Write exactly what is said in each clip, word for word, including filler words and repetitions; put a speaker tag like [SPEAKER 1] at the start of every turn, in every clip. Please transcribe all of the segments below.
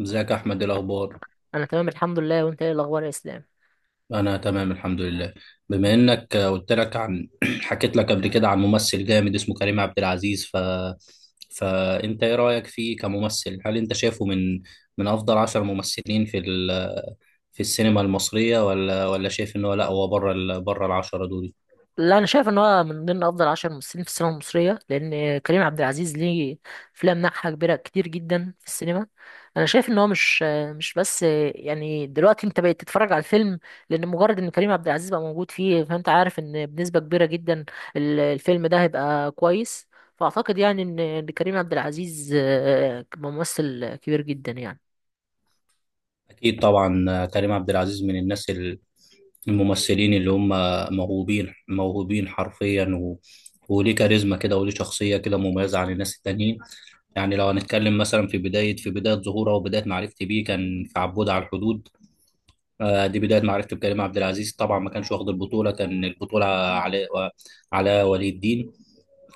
[SPEAKER 1] ازيك يا احمد؟ إيه الاخبار؟
[SPEAKER 2] انا تمام، الحمد لله. وانت ايه الاخبار يا اسلام؟
[SPEAKER 1] انا تمام الحمد لله. بما انك قلت لك عن حكيت لك قبل كده عن ممثل جامد اسمه كريم عبد العزيز ف فانت ايه رايك فيه كممثل؟ هل انت شايفه من من افضل عشر ممثلين في ال... في السينما المصريه، ولا ولا شايف ان هو لا، هو بره ال... بره العشره دول؟
[SPEAKER 2] لا، انا شايف ان هو من ضمن افضل عشر ممثلين في السينما المصريه، لان كريم عبد العزيز ليه افلام ناجحه كبيره كتير جدا في السينما. انا شايف ان هو مش مش بس، يعني دلوقتي انت بقيت تتفرج على الفيلم لان مجرد ان كريم عبد العزيز بقى موجود فيه، فانت عارف ان بنسبه كبيره جدا ال- الفيلم ده هيبقى كويس. فاعتقد يعني ان إن كريم عبد العزيز آه، ممثل كبير جدا يعني.
[SPEAKER 1] اكيد طبعا كريم عبد العزيز من الناس ال- الممثلين اللي هم موهوبين موهوبين حرفيا، و... وليه كاريزما كده، وليه شخصيه كده مميزه عن الناس التانيين. يعني لو هنتكلم مثلا في بداية في بداية ظهوره وبداية معرفتي بيه، كان في عبود على الحدود. آه، دي بداية معرفتي بكريم عبد العزيز. طبعا ما كانش واخد البطولة، كان البطولة على على ولي الدين.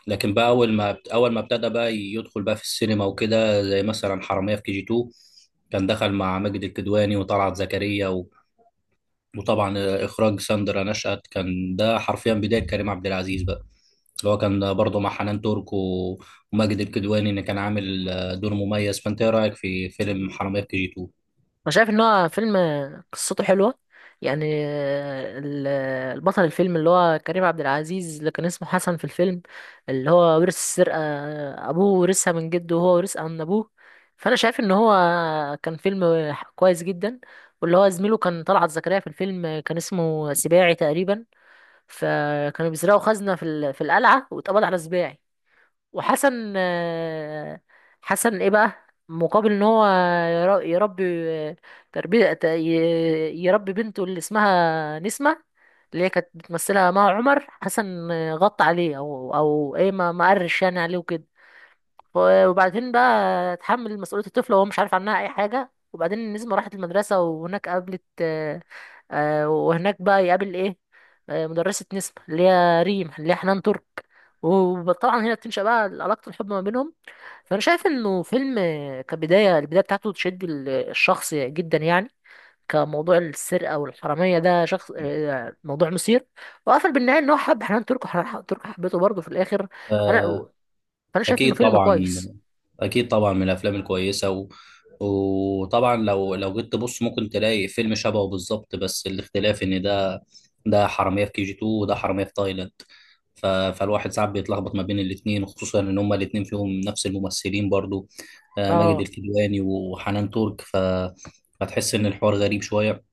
[SPEAKER 1] لكن بقى أول ما أول ما ابتدى بقى يدخل بقى في السينما وكده، زي مثلا حرامية في كي جي اتنين، كان دخل مع ماجد الكدواني وطلعت زكريا، و... وطبعا إخراج ساندرا نشأت، كان ده حرفيا بداية كريم عبد العزيز بقى، اللي هو كان برضه مع حنان ترك و- وماجد الكدواني، اللي كان عامل آه، دور مميز. فانت ايه رايك في فيلم حرامية في كي جي اثنين؟
[SPEAKER 2] انا شايف ان هو فيلم قصته حلوه، يعني ال- البطل الفيلم اللي هو كريم عبد العزيز اللي كان اسمه حسن في الفيلم، اللي هو ورث السرقه، ابوه ورثها من جده وهو ورثها من ابوه. فانا شايف ان هو كان فيلم كويس جدا. واللي هو زميله كان طلعت زكريا في الفيلم، كان اسمه سباعي تقريبا. فكانوا بيسرقوا خزنه في ال- في القلعه واتقبض على سباعي. وحسن آه، حسن ايه بقى مقابل ان هو ير- يربي تربية ت- ي- يربي بنته اللي اسمها نسمة، اللي هي كانت بتمثلها مها عمر. حسن آه، غطى عليه، او او ايه، ما ما قرش يعني عليه وكده. ف- وبعدين بقى اتحمل مسؤولية الطفل وهو مش عارف عنها أي حاجة. وبعدين النسمة راحت المدرسة، وهناك قابلت آه، آه، وهناك بقى يقابل إيه، آه، مدرسة نسمة اللي هي ريم، اللي هي حنان ترك. وطبعا هنا بتنشأ بقى علاقة الحب ما بينهم. فأنا شايف إنه فيلم، آه، كبداية، البداية بتاعته تشد ال- الشخص جدا يعني. كموضوع السرقة والحرامية، ده شخص، آه، موضوع مثير. وقفل بالنهاية إن هو حب حنان ترك وحنان ترك حبيته برضه في الآخر. أنا
[SPEAKER 1] آه،
[SPEAKER 2] فأنا شايف إنه
[SPEAKER 1] اكيد
[SPEAKER 2] فيلم
[SPEAKER 1] طبعا.
[SPEAKER 2] كويس.
[SPEAKER 1] اكيد طبعا من الافلام الكويسه، و... وطبعا لو لو جيت تبص ممكن تلاقي فيلم شبهه بالظبط، بس الاختلاف ان ده ده حراميه في كي جي اتنين، وده حراميه في تايلاند. ف... فالواحد ساعات بيتلخبط ما بين الاثنين، خصوصا ان هما الاثنين فيهم نفس الممثلين برضو، آه، ماجد
[SPEAKER 2] اه،
[SPEAKER 1] الكدواني وحنان ترك. ف... فتحس ان الحوار غريب شويه.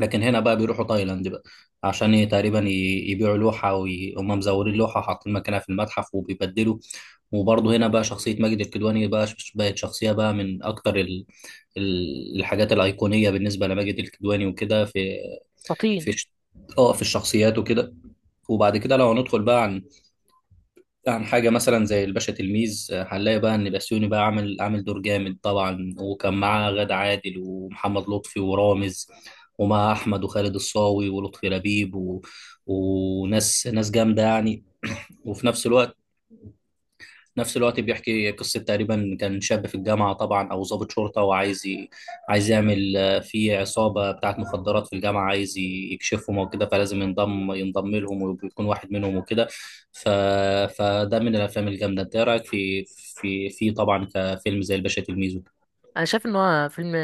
[SPEAKER 1] لكن هنا بقى بيروحوا تايلاند بقى، عشان ي- تقريبا ي- يبيعوا لوحة، وهم مزورين لوحة حاطين مكانها في المتحف وبيبدلوا. وبرضه هنا بقى شخصية ماجد الكدواني بقى ش- بقت شخصية بقى من أكتر ال- ال- الحاجات الأيقونية بالنسبة لماجد الكدواني وكده. في
[SPEAKER 2] فطين.
[SPEAKER 1] في ش- اه، في الشخصيات وكده. وبعد كده لو هندخل بقى عن عن حاجة مثلا زي الباشا تلميذ، آه، هنلاقي بقى إن بسيوني بقى عامل عامل دور جامد طبعا، وكان معاه غادة عادل ومحمد لطفي ورامز، ومع أحمد وخالد الصاوي ولطفي لبيب، و... وناس ناس جامدة يعني. وفي نفس الوقت نفس الوقت بيحكي قصة تقريبا كان شاب في الجامعة، طبعا أو ضابط شرطة، وعايز ي... عايز يعمل، آه، في عصابة بتاعت مخدرات في الجامعة عايز ي- يكشفهم وكده، فلازم ينضم ينضم لهم ويكون واحد منهم وكده. ف... فده من الأفلام الجامدة. أنت إيه رأيك في في في طبعا كفيلم زي الباشا تلميذ وكده؟
[SPEAKER 2] انا شايف ان هو فيلم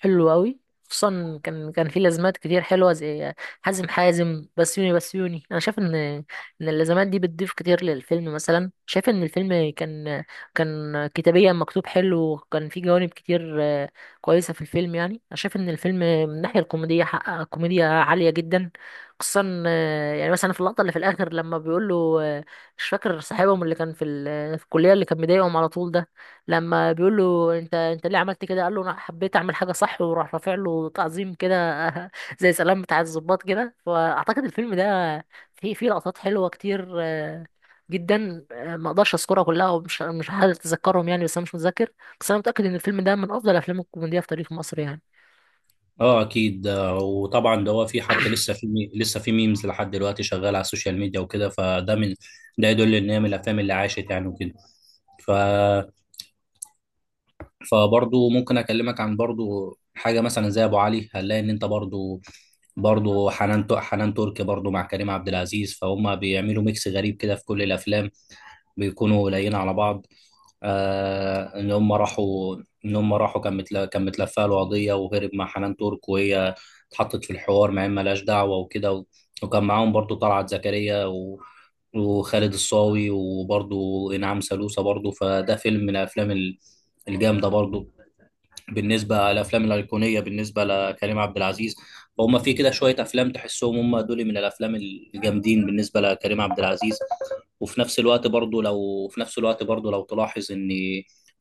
[SPEAKER 2] حلو قوي، خصوصا كان كان فيه لازمات كتير حلوه، زي حازم حازم بسيوني بسيوني. انا شايف ان ان اللازمات دي بتضيف كتير للفيلم. مثلا شايف ان الفيلم كان كان كتابيا مكتوب حلو، وكان فيه جوانب كتير آه، كويسه في الفيلم. يعني انا شايف ان الفيلم من الناحيه الكوميديه حقق كوميديا عاليه جدا، خصوصا آه، يعني مثلا في اللقطه اللي في الاخر لما بيقول له، آه، مش فاكر صاحبهم اللي كان في ال- في الكليه، اللي كان مضايقهم على طول ده، لما بيقول له انت انت ليه عملت كده، قال له انا حبيت اعمل حاجه صح، وراح رافع له تعظيم كده زي سلام بتاع الضباط كده. فاعتقد الفيلم ده فيه فيه لقطات حلوه كتير آه، جدا، آه، ما اقدرش اذكرها كلها، ومش مش هتذكرهم يعني، بس انا مش متذكر. بس انا متاكد ان الفيلم ده من افضل افلام الكوميديا في تاريخ مصر يعني.
[SPEAKER 1] اه، اكيد. آه، وطبعا ده هو، في حتى لسه في مي- لسه في ميمز لحد دلوقتي شغال على السوشيال ميديا وكده. فده من ده يدل ان هي من الافلام اللي عاشت يعني وكده. ف فبرضو ممكن اكلمك عن برضو حاجه مثلا زي ابو علي. هنلاقي ان انت برضو برضو حنان تو- حنان تركي برضو مع كريم عبد العزيز، فهم بيعملوا ميكس غريب كده في كل الافلام، بيكونوا قليلين على بعض. آه، ان هم راحوا ان هم راحوا كان متل... كان متلفه له قضيه وهرب مع حنان ترك، وهي اتحطت في الحوار مع إن ملهاش دعوه وكده، و... وكان معاهم برضو طلعت زكريا، و... وخالد الصاوي وبرضو انعام سالوسة برضو. فده فيلم من الافلام ال- الجامده برضو بالنسبه للافلام الايقونيه بالنسبه لكريم عبد العزيز. فهم في كده شويه افلام تحسهم هم دول من الافلام الجامدين بالنسبه لكريم عبد العزيز. وفي نفس الوقت برضو، لو في نفس الوقت برضو لو تلاحظ ان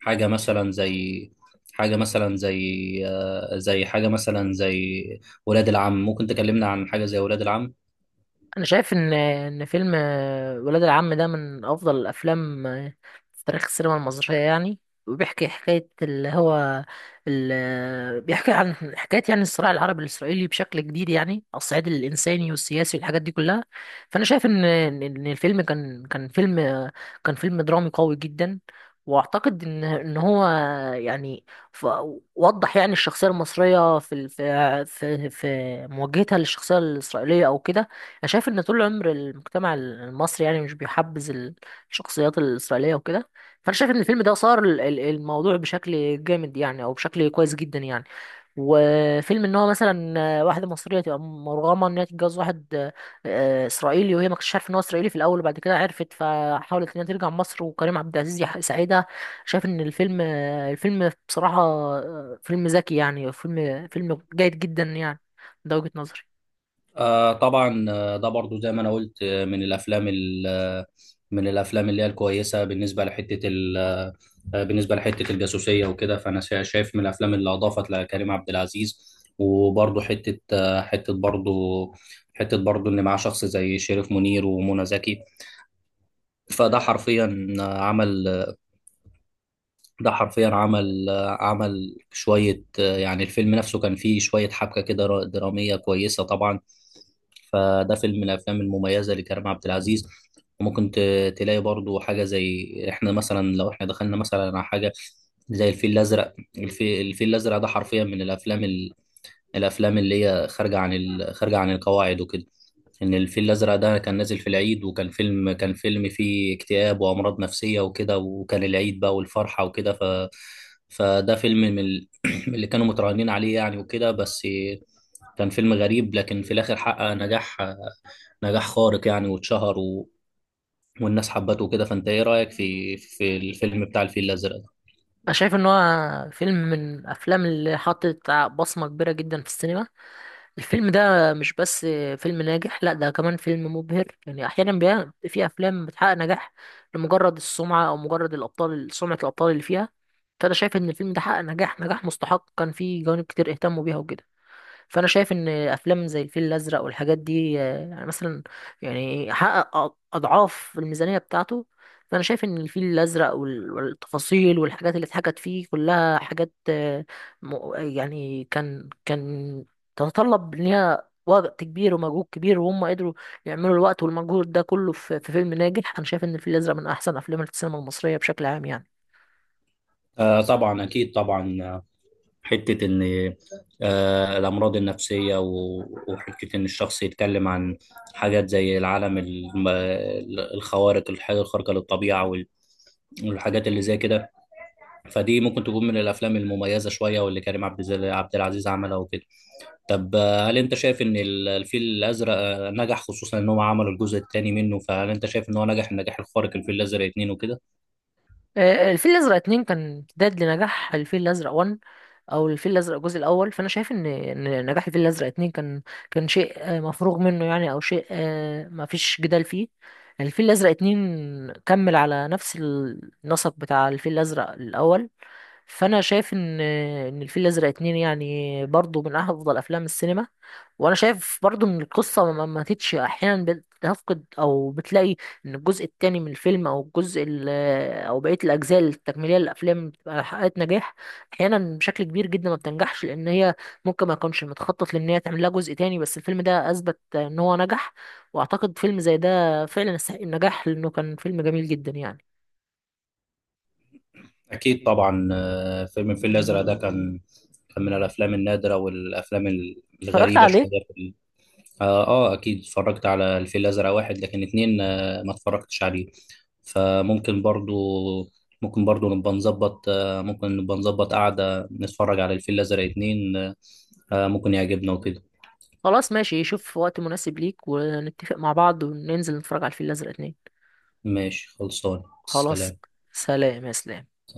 [SPEAKER 1] حاجه مثلا زي حاجه مثلا زي آه، زي حاجه مثلا زي ولاد العم. ممكن تكلمنا عن حاجه زي ولاد العم.
[SPEAKER 2] انا شايف ان ان فيلم آه، ولاد العم ده من افضل الافلام آه، في تاريخ السينما المصريه يعني. وبيحكي حكايه اللي هو ال- بيحكي عن حكايه، يعني الصراع العربي الاسرائيلي بشكل جديد يعني، على الصعيد الانساني والسياسي والحاجات دي كلها. فانا شايف ان ان إن الفيلم كان كان فيلم آه، كان فيلم درامي قوي جدا. واعتقد ان ان هو يعني، ف- وضح يعني الشخصيه المصريه في ال- في في في مواجهتها للشخصيه الاسرائيليه او كده. انا شايف ان طول العمر المجتمع المصري يعني مش بيحبذ ال- الشخصيات الاسرائيليه وكده. فانا شايف ان الفيلم ده صار ال- ال- الموضوع بشكل جامد يعني، او بشكل كويس جدا يعني. وفيلم ان هو مثلا واحده مصريه تبقى مرغمه ان هي تتجوز واحد آه، اسرائيلي، وهي ما كانتش عارفه ان هو اسرائيلي في الاول، وبعد كده عرفت، فحاولت ان هي ترجع مصر، وكريم عبد العزيز يح- يساعدها. شايف ان الفيلم الفيلم بصراحه آه، فيلم ذكي يعني، فيلم فيلم جيد جدا يعني. ده وجهه نظري.
[SPEAKER 1] آه طبعا، آه، ده برضو زي ما انا قلت، آه، من الافلام ال- آه، من الافلام اللي هي الكويسه، بالنسبه لحته ال- آه، آه، بالنسبه لحته الجاسوسيه وكده. فانا شا- شايف من الافلام اللي اضافت لكريم عبد العزيز. وبرضو حته، آه، حته برضو حته برضو ان معاه شخص زي شريف منير ومنى زكي. فده حرفيا آه، عمل ده حرفيا عمل، آه، عمل شوية آه، يعني الفيلم نفسه كان فيه شوية حبكة كده را- درامية كويسة طبعا. فده فيلم من الأفلام المميزة لكريم عبد العزيز. وممكن ت- تلاقي برضو حاجة زي إحنا مثلا، لو إحنا دخلنا مثلا على حاجة زي الفيل الأزرق. الفي- الفيل الأزرق ده حرفيا من الأفلام ال- الأفلام اللي هي خارجة عن ال- خارجة عن القواعد وكده. ان الفيل الازرق ده كان نازل في العيد، وكان فيلم كان فيلم فيه اكتئاب وامراض نفسيه وكده، وكان العيد بقى والفرحه وكده. ف فده فيلم من ال- من اللي كانوا متراهنين عليه يعني وكده بس. كان فيلم غريب، لكن في الاخر حقق نجاح، نجاح خارق يعني، واتشهر، و... والناس حبته وكده. فانت ايه رايك في في الفيلم بتاع الفيل الازرق ده؟
[SPEAKER 2] انا شايف ان هو فيلم من الافلام اللي حطت بصمة كبيرة جدا في السينما. الفيلم ده مش بس فيلم ناجح، لا، ده كمان فيلم مبهر. يعني احيانا بيبقى في افلام بتحقق نجاح لمجرد السمعة او مجرد الابطال، سمعة الابطال اللي فيها. فانا شايف ان الفيلم ده حقق نجاح، نجاح مستحق، كان فيه جوانب كتير اهتموا بيها وكده. فانا شايف ان افلام زي الفيل الازرق والحاجات دي آه، يعني مثلا يعني حقق أ- اضعاف الميزانيه بتاعته. فانا شايف ان الفيل الازرق وال- والتفاصيل والحاجات اللي اتحكت فيه كلها حاجات، آه، م- يعني كان كان تتطلب ان هي وقت كبير ومجهود كبير، وهم قدروا يعملوا الوقت والمجهود ده كله في في فيلم ناجح. انا شايف ان الفيل الازرق من احسن افلام السينما المصريه بشكل عام يعني.
[SPEAKER 1] آه طبعا، اكيد طبعا. حتة إن آه، الأمراض النفسية، و- وحتة إن الشخص يتكلم عن حاجات زي العالم الم- الخوارق، الحاجة الخارقة للطبيعة وال- والحاجات اللي زي كده. فدي ممكن تكون من الأفلام المميزة شوية، واللي كريم عبد الز- عبد العزيز عملها وكده. طب آه، هل أنت شايف إن ال- الفيل الأزرق آه، نجح، خصوصا إن هم عملوا الجزء الثاني منه؟ فهل أنت شايف إن هو نجح النجاح الخارق، الفيل الأزرق اتنين وكده؟
[SPEAKER 2] آه، الفيل الازرق اتنين كان امتداد لنجاح الفيل الازرق واحد، او الفيل الازرق الجزء الاول. فانا شايف ان ان نجاح الفيل الازرق اتنين كان كان شيء آه، مفروغ منه يعني، او شيء آه، ما فيش جدال فيه. الفيل الازرق اتنين كمل على نفس النسق بتاع الفيل الازرق الاول. فانا شايف ان ان الفيل الازرق اتنين يعني برضو من افضل افلام السينما. وانا شايف برضو ان القصه ما ما ماتتش احيانا. بتفقد او بتلاقي ان الجزء التاني من الفيلم او الجزء ال- او بقيه الاجزاء التكميليه للافلام بتبقى حققت نجاح. احيانا بشكل كبير جدا ما بتنجحش لان هي ممكن ما يكونش متخطط لان هي تعمل لها جزء تاني، بس الفيلم ده اثبت ان هو نجح. واعتقد فيلم زي ده فعلا يستحق النجاح لانه كان فيلم جميل جدا يعني.
[SPEAKER 1] أكيد طبعا. آه، فيلم الفيل الأزرق ده كان كان من الأفلام النادرة والأفلام ال-
[SPEAKER 2] اتفرجت
[SPEAKER 1] الغريبة شوية
[SPEAKER 2] عليه.
[SPEAKER 1] في ال- آه, آه أكيد، اتفرجت على الفيل الأزرق واحد، لكن اتنين آه ما اتفرجتش عليه. فممكن برضو، ممكن برضو نبقى نظبط، آه ممكن نبقى نظبط قعدة نتفرج على الفيل الأزرق اتنين. آه، آه، ممكن يعجبنا وكده.
[SPEAKER 2] خلاص، ماشي، شوف وقت مناسب ليك ونتفق مع بعض وننزل نتفرج على الفيل الأزرق اتنين.
[SPEAKER 1] ماشي، خلصان،
[SPEAKER 2] خلاص.
[SPEAKER 1] سلام.
[SPEAKER 2] سلام يا سلام.